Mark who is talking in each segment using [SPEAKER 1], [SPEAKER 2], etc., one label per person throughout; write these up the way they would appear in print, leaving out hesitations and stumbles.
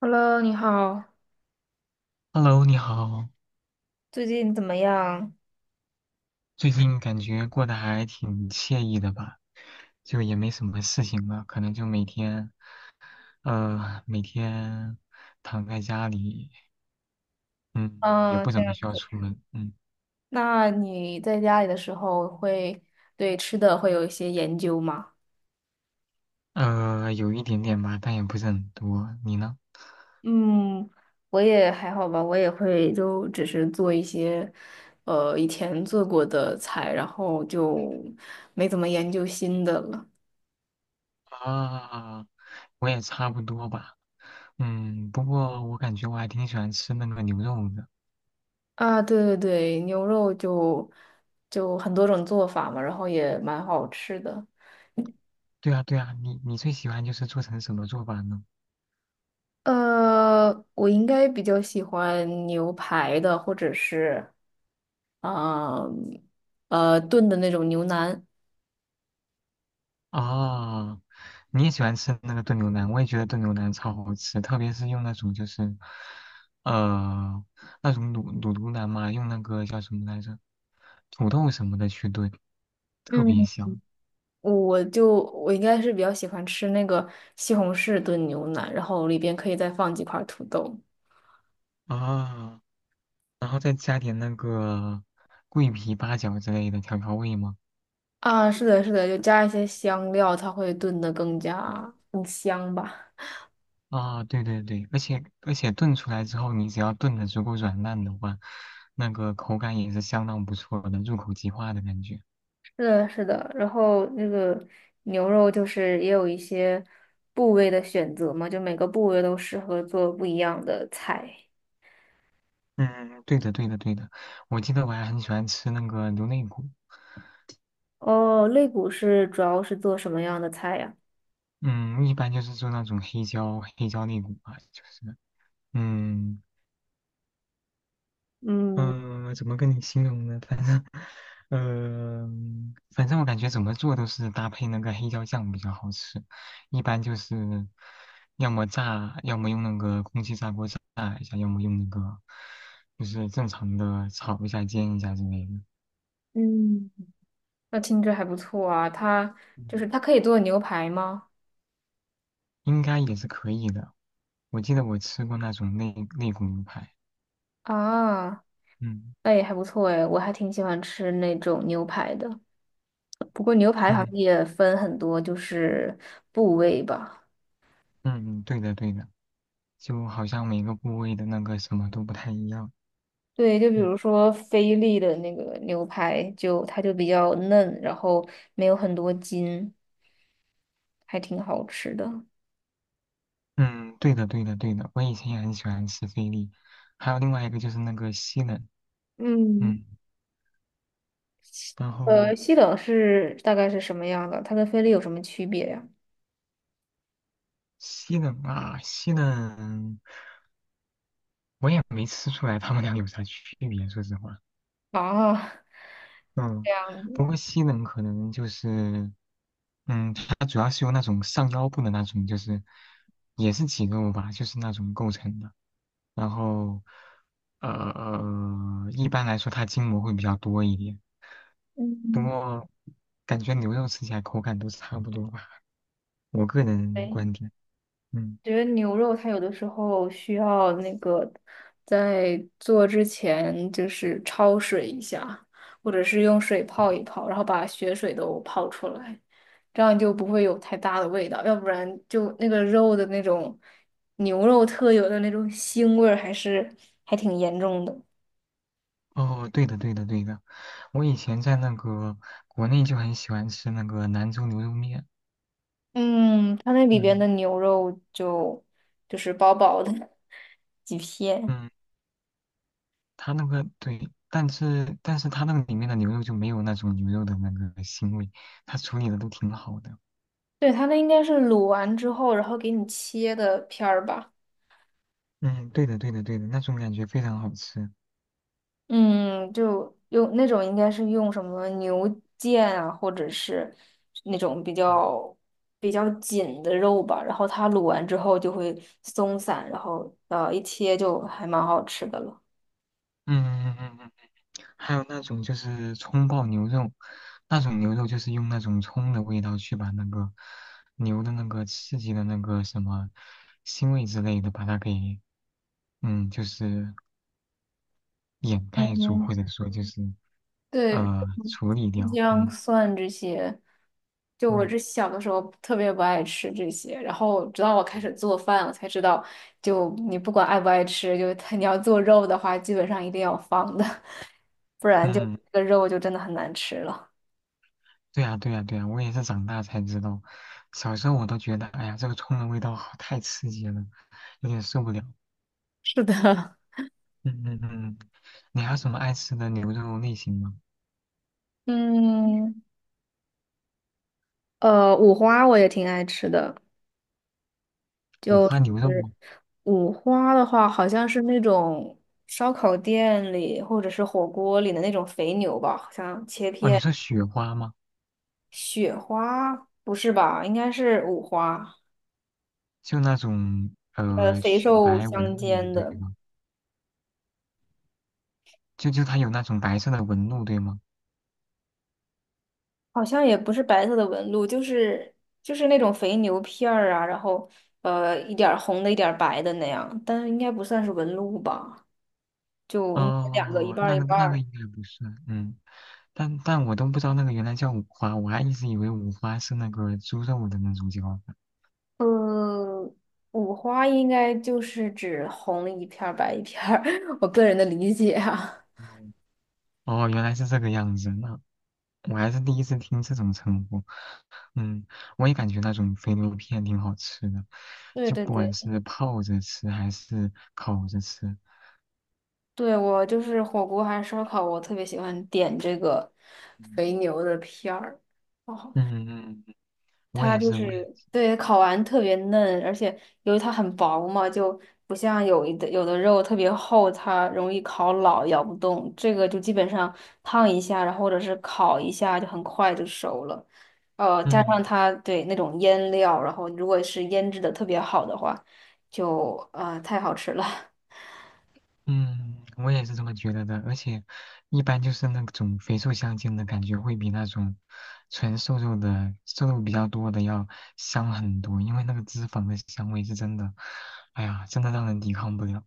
[SPEAKER 1] Hello，你好，
[SPEAKER 2] Hello，你好，
[SPEAKER 1] 最近怎么样？
[SPEAKER 2] 最近感觉过得还挺惬意的吧？就也没什么事情了，可能就每天，每天躺在家里，嗯，也
[SPEAKER 1] 嗯，
[SPEAKER 2] 不
[SPEAKER 1] 这
[SPEAKER 2] 怎么
[SPEAKER 1] 样。
[SPEAKER 2] 需要出门，嗯，
[SPEAKER 1] 那你在家里的时候会对吃的会有一些研究吗？
[SPEAKER 2] 有一点点吧，但也不是很多。你呢？
[SPEAKER 1] 嗯，我也还好吧，我也会就只是做一些，以前做过的菜，然后就没怎么研究新的了。
[SPEAKER 2] 啊，我也差不多吧，嗯，不过我感觉我还挺喜欢吃那个牛肉的。
[SPEAKER 1] 啊，对对对，牛肉就很多种做法嘛，然后也蛮好吃的。
[SPEAKER 2] 对啊，对啊，你最喜欢就是做成什么做法呢？
[SPEAKER 1] 呃，我应该比较喜欢牛排的，或者是啊呃炖的那种牛腩。
[SPEAKER 2] 啊，你也喜欢吃那个炖牛腩，我也觉得炖牛腩超好吃，特别是用那种就是，呃，那种卤牛腩嘛，用那个叫什么来着，土豆什么的去炖，特别
[SPEAKER 1] 嗯，
[SPEAKER 2] 香
[SPEAKER 1] 我应该是比较喜欢吃那个西红柿炖牛腩，然后里边可以再放几块土豆。
[SPEAKER 2] 啊。然后再加点那个桂皮、八角之类的调味嘛。
[SPEAKER 1] 啊，是的，是的，就加一些香料，它会炖的更加更香吧。
[SPEAKER 2] 啊，对对对，而且炖出来之后，你只要炖的足够软烂的话，那个口感也是相当不错的，入口即化的感觉。
[SPEAKER 1] 是的，是的，然后那个牛肉就是也有一些部位的选择嘛，就每个部位都适合做不一样的菜。
[SPEAKER 2] 嗯，对的，对的，对的。我记得我还很喜欢吃那个牛肋骨，
[SPEAKER 1] 哦，肋骨是主要是做什么样的菜呀？
[SPEAKER 2] 嗯，一般就是做那种黑椒肋骨吧，就是，嗯
[SPEAKER 1] 嗯
[SPEAKER 2] 嗯、怎么跟你形容呢？反正，呃，反正我感觉怎么做都是搭配那个黑椒酱比较好吃，一般就是要么炸，要么用那个空气炸锅炸一下，要么用那个就是正常的炒一下、煎一下之类的，嗯
[SPEAKER 1] 嗯，那听着还不错啊，它就是它可以做牛排吗？
[SPEAKER 2] 应该也是可以的。我记得我吃过那种肋骨牛排，
[SPEAKER 1] 啊，
[SPEAKER 2] 嗯
[SPEAKER 1] 那也还不错诶，我还挺喜欢吃那种牛排的。不过牛排好
[SPEAKER 2] 嗯
[SPEAKER 1] 像也分很多，就是部位吧。
[SPEAKER 2] 嗯，对的对的，就好像每个部位的那个什么都不太一样，
[SPEAKER 1] 对，就比
[SPEAKER 2] 嗯
[SPEAKER 1] 如说菲力的那个牛排，就它就比较嫩，然后没有很多筋，还挺好吃的。
[SPEAKER 2] 嗯，对的对的对的，我以前也很喜欢吃菲力，还有另外一个就是那个西冷，
[SPEAKER 1] 嗯，
[SPEAKER 2] 嗯，然后
[SPEAKER 1] 西冷是大概是什么样的？它跟菲力有什么区别呀？
[SPEAKER 2] 西冷啊西冷，我也没吃出来他们俩有啥区别，说实话，
[SPEAKER 1] 啊，
[SPEAKER 2] 嗯，
[SPEAKER 1] 这样子，
[SPEAKER 2] 不过西冷可能就是。嗯，它主要是由那种上腰部的那种，就是也是肌肉吧，就是那种构成的。然后一般来说它筋膜会比较多一点，不
[SPEAKER 1] 嗯，
[SPEAKER 2] 过感觉牛肉吃起来口感都差不多吧，我个人
[SPEAKER 1] 对。
[SPEAKER 2] 观点。嗯，
[SPEAKER 1] 觉得牛肉它有的时候需要那个在做之前就是焯水一下，或者是用水泡一泡，然后把血水都泡出来，这样就不会有太大的味道，要不然就那个肉的那种牛肉特有的那种腥味儿还是还挺严重的。
[SPEAKER 2] 哦，对的，对的，对的，我以前在那个国内就很喜欢吃那个兰州牛肉面。
[SPEAKER 1] 嗯，它那里边
[SPEAKER 2] 嗯
[SPEAKER 1] 的牛肉就是薄薄的 几片，
[SPEAKER 2] 嗯，它那个对，但是它那个里面的牛肉就没有那种牛肉的那个腥味，它处理的都挺好的。
[SPEAKER 1] 对，它那应该是卤完之后，然后给你切的片儿吧。
[SPEAKER 2] 嗯，对的，对的，对的，那种感觉非常好吃。嗯
[SPEAKER 1] 嗯，就用那种应该是用什么牛腱啊，或者是那种比较紧的肉吧，然后它卤完之后就会松散，然后一切就还蛮好吃的了。
[SPEAKER 2] 嗯嗯嗯嗯还有那种就是葱爆牛肉，那种牛肉就是用那种葱的味道去把那个牛的那个刺激的那个什么腥味之类的，把它给嗯就是掩盖住，
[SPEAKER 1] 嗯，
[SPEAKER 2] 或者说就是
[SPEAKER 1] 对，
[SPEAKER 2] 处理掉。
[SPEAKER 1] 姜
[SPEAKER 2] 嗯
[SPEAKER 1] 蒜这些，就我
[SPEAKER 2] 嗯
[SPEAKER 1] 这小的时候特别不爱吃这些，然后直到我开
[SPEAKER 2] 嗯
[SPEAKER 1] 始做饭，我才知道，就你不管爱不爱吃，就 它你要做肉的话，基本上一定要放的。不然就
[SPEAKER 2] 嗯
[SPEAKER 1] 这个肉就真的很难吃了。
[SPEAKER 2] 对呀对呀对呀，我也是长大才知道，小时候我都觉得哎呀这个葱的味道好太刺激了，有点受不了。
[SPEAKER 1] 是的，
[SPEAKER 2] 嗯嗯嗯，你还有什么爱吃的牛肉类型吗？
[SPEAKER 1] 嗯，五花我也挺爱吃的，
[SPEAKER 2] 五
[SPEAKER 1] 就
[SPEAKER 2] 花牛肉
[SPEAKER 1] 是
[SPEAKER 2] 吗？
[SPEAKER 1] 五花的话，好像是那种烧烤店里或者是火锅里的那种肥牛吧，好像切
[SPEAKER 2] 哦，你
[SPEAKER 1] 片
[SPEAKER 2] 说雪花吗？
[SPEAKER 1] 雪花，不是吧？应该是五花。
[SPEAKER 2] 就那种
[SPEAKER 1] 肥
[SPEAKER 2] 雪
[SPEAKER 1] 瘦
[SPEAKER 2] 白
[SPEAKER 1] 相
[SPEAKER 2] 纹路的，
[SPEAKER 1] 间
[SPEAKER 2] 对
[SPEAKER 1] 的，
[SPEAKER 2] 吗？就它有那种白色的纹路，对吗？
[SPEAKER 1] 好像也不是白色的纹路，就是那种肥牛片儿啊，然后一点儿红的，一点儿白的那样，但是应该不算是纹路吧。就应该两个一
[SPEAKER 2] 哦，
[SPEAKER 1] 半
[SPEAKER 2] 那
[SPEAKER 1] 儿一
[SPEAKER 2] 那个
[SPEAKER 1] 半
[SPEAKER 2] 那个
[SPEAKER 1] 儿。
[SPEAKER 2] 应该不算，嗯，但我都不知道那个原来叫五花，我还一直以为五花是那个猪肉的那种叫法。
[SPEAKER 1] 呃，五花应该就是指红一片儿白一片儿，我个人的理解啊。
[SPEAKER 2] 哦，哦原来是这个样子，那我还是第一次听这种称呼。嗯，我也感觉那种肥牛片挺好吃的，
[SPEAKER 1] 对
[SPEAKER 2] 就
[SPEAKER 1] 对
[SPEAKER 2] 不管
[SPEAKER 1] 对，
[SPEAKER 2] 是泡着吃还是烤着吃。
[SPEAKER 1] 对我就是火锅还是烧烤，我特别喜欢点这个
[SPEAKER 2] 嗯
[SPEAKER 1] 肥牛的片儿。哦
[SPEAKER 2] 嗯，嗯嗯嗯我
[SPEAKER 1] 它
[SPEAKER 2] 也
[SPEAKER 1] 就
[SPEAKER 2] 是，我也
[SPEAKER 1] 是
[SPEAKER 2] 是。
[SPEAKER 1] 对烤完特别嫩，而且由于它很薄嘛，就不像有的肉特别厚，它容易烤老，咬不动。这个就基本上烫一下，然后或者是烤一下，就很快就熟了。
[SPEAKER 2] 嗯
[SPEAKER 1] 加上
[SPEAKER 2] 嗯
[SPEAKER 1] 它对那种腌料，然后如果是腌制的特别好的话，就太好吃了。
[SPEAKER 2] 嗯，我也是这么觉得的，而且一般就是那种肥瘦相间的感觉会比那种纯瘦肉的瘦肉比较多的要香很多，因为那个脂肪的香味是真的，哎呀，真的让人抵抗不了。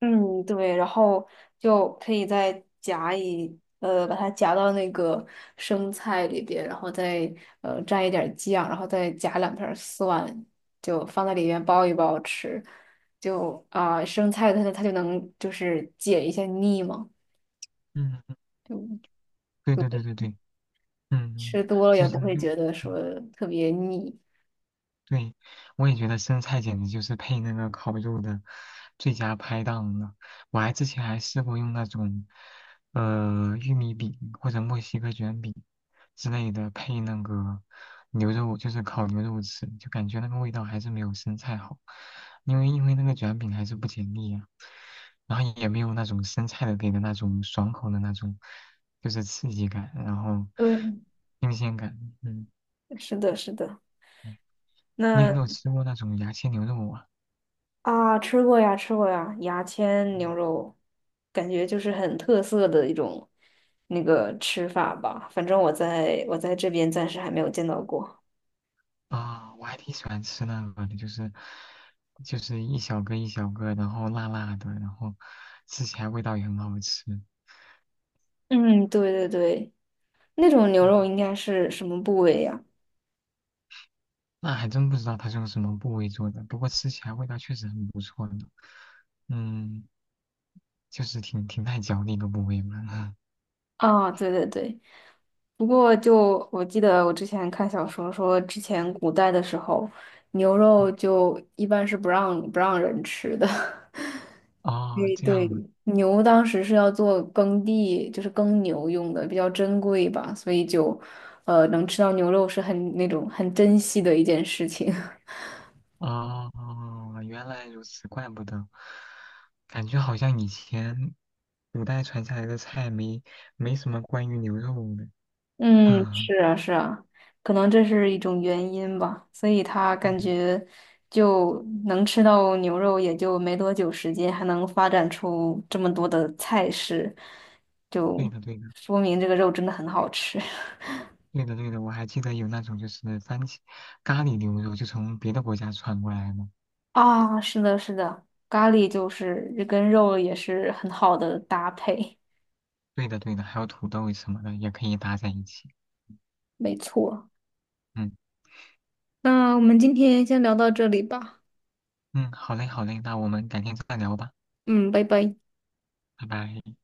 [SPEAKER 1] 嗯，对，然后就可以再夹一，呃，把它夹到那个生菜里边，然后再蘸一点儿酱，然后再夹两片儿蒜，就放在里面包一包吃，就啊、生菜它就能就是解一下腻嘛，
[SPEAKER 2] 嗯，
[SPEAKER 1] 就
[SPEAKER 2] 对对对对对，嗯，
[SPEAKER 1] 吃多了
[SPEAKER 2] 就
[SPEAKER 1] 也不
[SPEAKER 2] 是
[SPEAKER 1] 会
[SPEAKER 2] 用。
[SPEAKER 1] 觉得说
[SPEAKER 2] 嗯
[SPEAKER 1] 特别腻。
[SPEAKER 2] 对，我也觉得生菜简直就是配那个烤肉的最佳拍档了。我还之前还试过用那种，玉米饼或者墨西哥卷饼之类的配那个牛肉，就是烤牛肉吃，就感觉那个味道还是没有生菜好，因为那个卷饼还是不解腻啊，然后也没有那种生菜的给的那种爽口的那种，就是刺激感，然后
[SPEAKER 1] 对，
[SPEAKER 2] 新鲜感，嗯。
[SPEAKER 1] 是的，是的。
[SPEAKER 2] 嗯你有
[SPEAKER 1] 那
[SPEAKER 2] 没有吃过那种牙签牛肉啊？
[SPEAKER 1] 啊，吃过呀，吃过呀，牙签牛肉，感觉就是很特色的一种那个吃法吧。反正我在这边暂时还没有见到过。
[SPEAKER 2] 啊，我还挺喜欢吃那个的，就是就是一小个一小个，然后辣辣的，然后吃起来味道也很好吃。
[SPEAKER 1] 嗯，对对对，那种牛肉
[SPEAKER 2] 嗯，
[SPEAKER 1] 应该是什么部位呀？
[SPEAKER 2] 那还真不知道它是用什么部位做的，不过吃起来味道确实很不错呢。嗯，就是挺耐嚼的一个部位嘛。
[SPEAKER 1] 啊，对对对。不过就我记得我之前看小说说，之前古代的时候，牛肉就一般是不让人吃的。
[SPEAKER 2] 哦，
[SPEAKER 1] 对
[SPEAKER 2] 这
[SPEAKER 1] 对，
[SPEAKER 2] 样的。
[SPEAKER 1] 牛当时是要做耕地，就是耕牛用的，比较珍贵吧，所以就，能吃到牛肉是很那种很珍惜的一件事情。
[SPEAKER 2] 哦，原来如此，怪不得，感觉好像以前古代传下来的菜没什么关于牛肉的。
[SPEAKER 1] 嗯，
[SPEAKER 2] 嗯，
[SPEAKER 1] 是啊，是啊，可能这是一种原因吧，所以他感觉就能吃到牛肉，也就没多久时间，还能发展出这么多的菜式，
[SPEAKER 2] 对
[SPEAKER 1] 就
[SPEAKER 2] 的对的。
[SPEAKER 1] 说明这个肉真的很好吃。
[SPEAKER 2] 对的对的，我还记得有那种就是番茄咖喱牛肉，就从别的国家传过来的。
[SPEAKER 1] 啊，是的，是的，咖喱就是跟肉也是很好的搭配，
[SPEAKER 2] 对的对的，还有土豆什么的也可以搭在一起。
[SPEAKER 1] 没错。
[SPEAKER 2] 嗯
[SPEAKER 1] 那我们今天先聊到这里吧，
[SPEAKER 2] 嗯，好嘞好嘞，那我们改天再聊吧，
[SPEAKER 1] 嗯，拜拜。
[SPEAKER 2] 拜拜。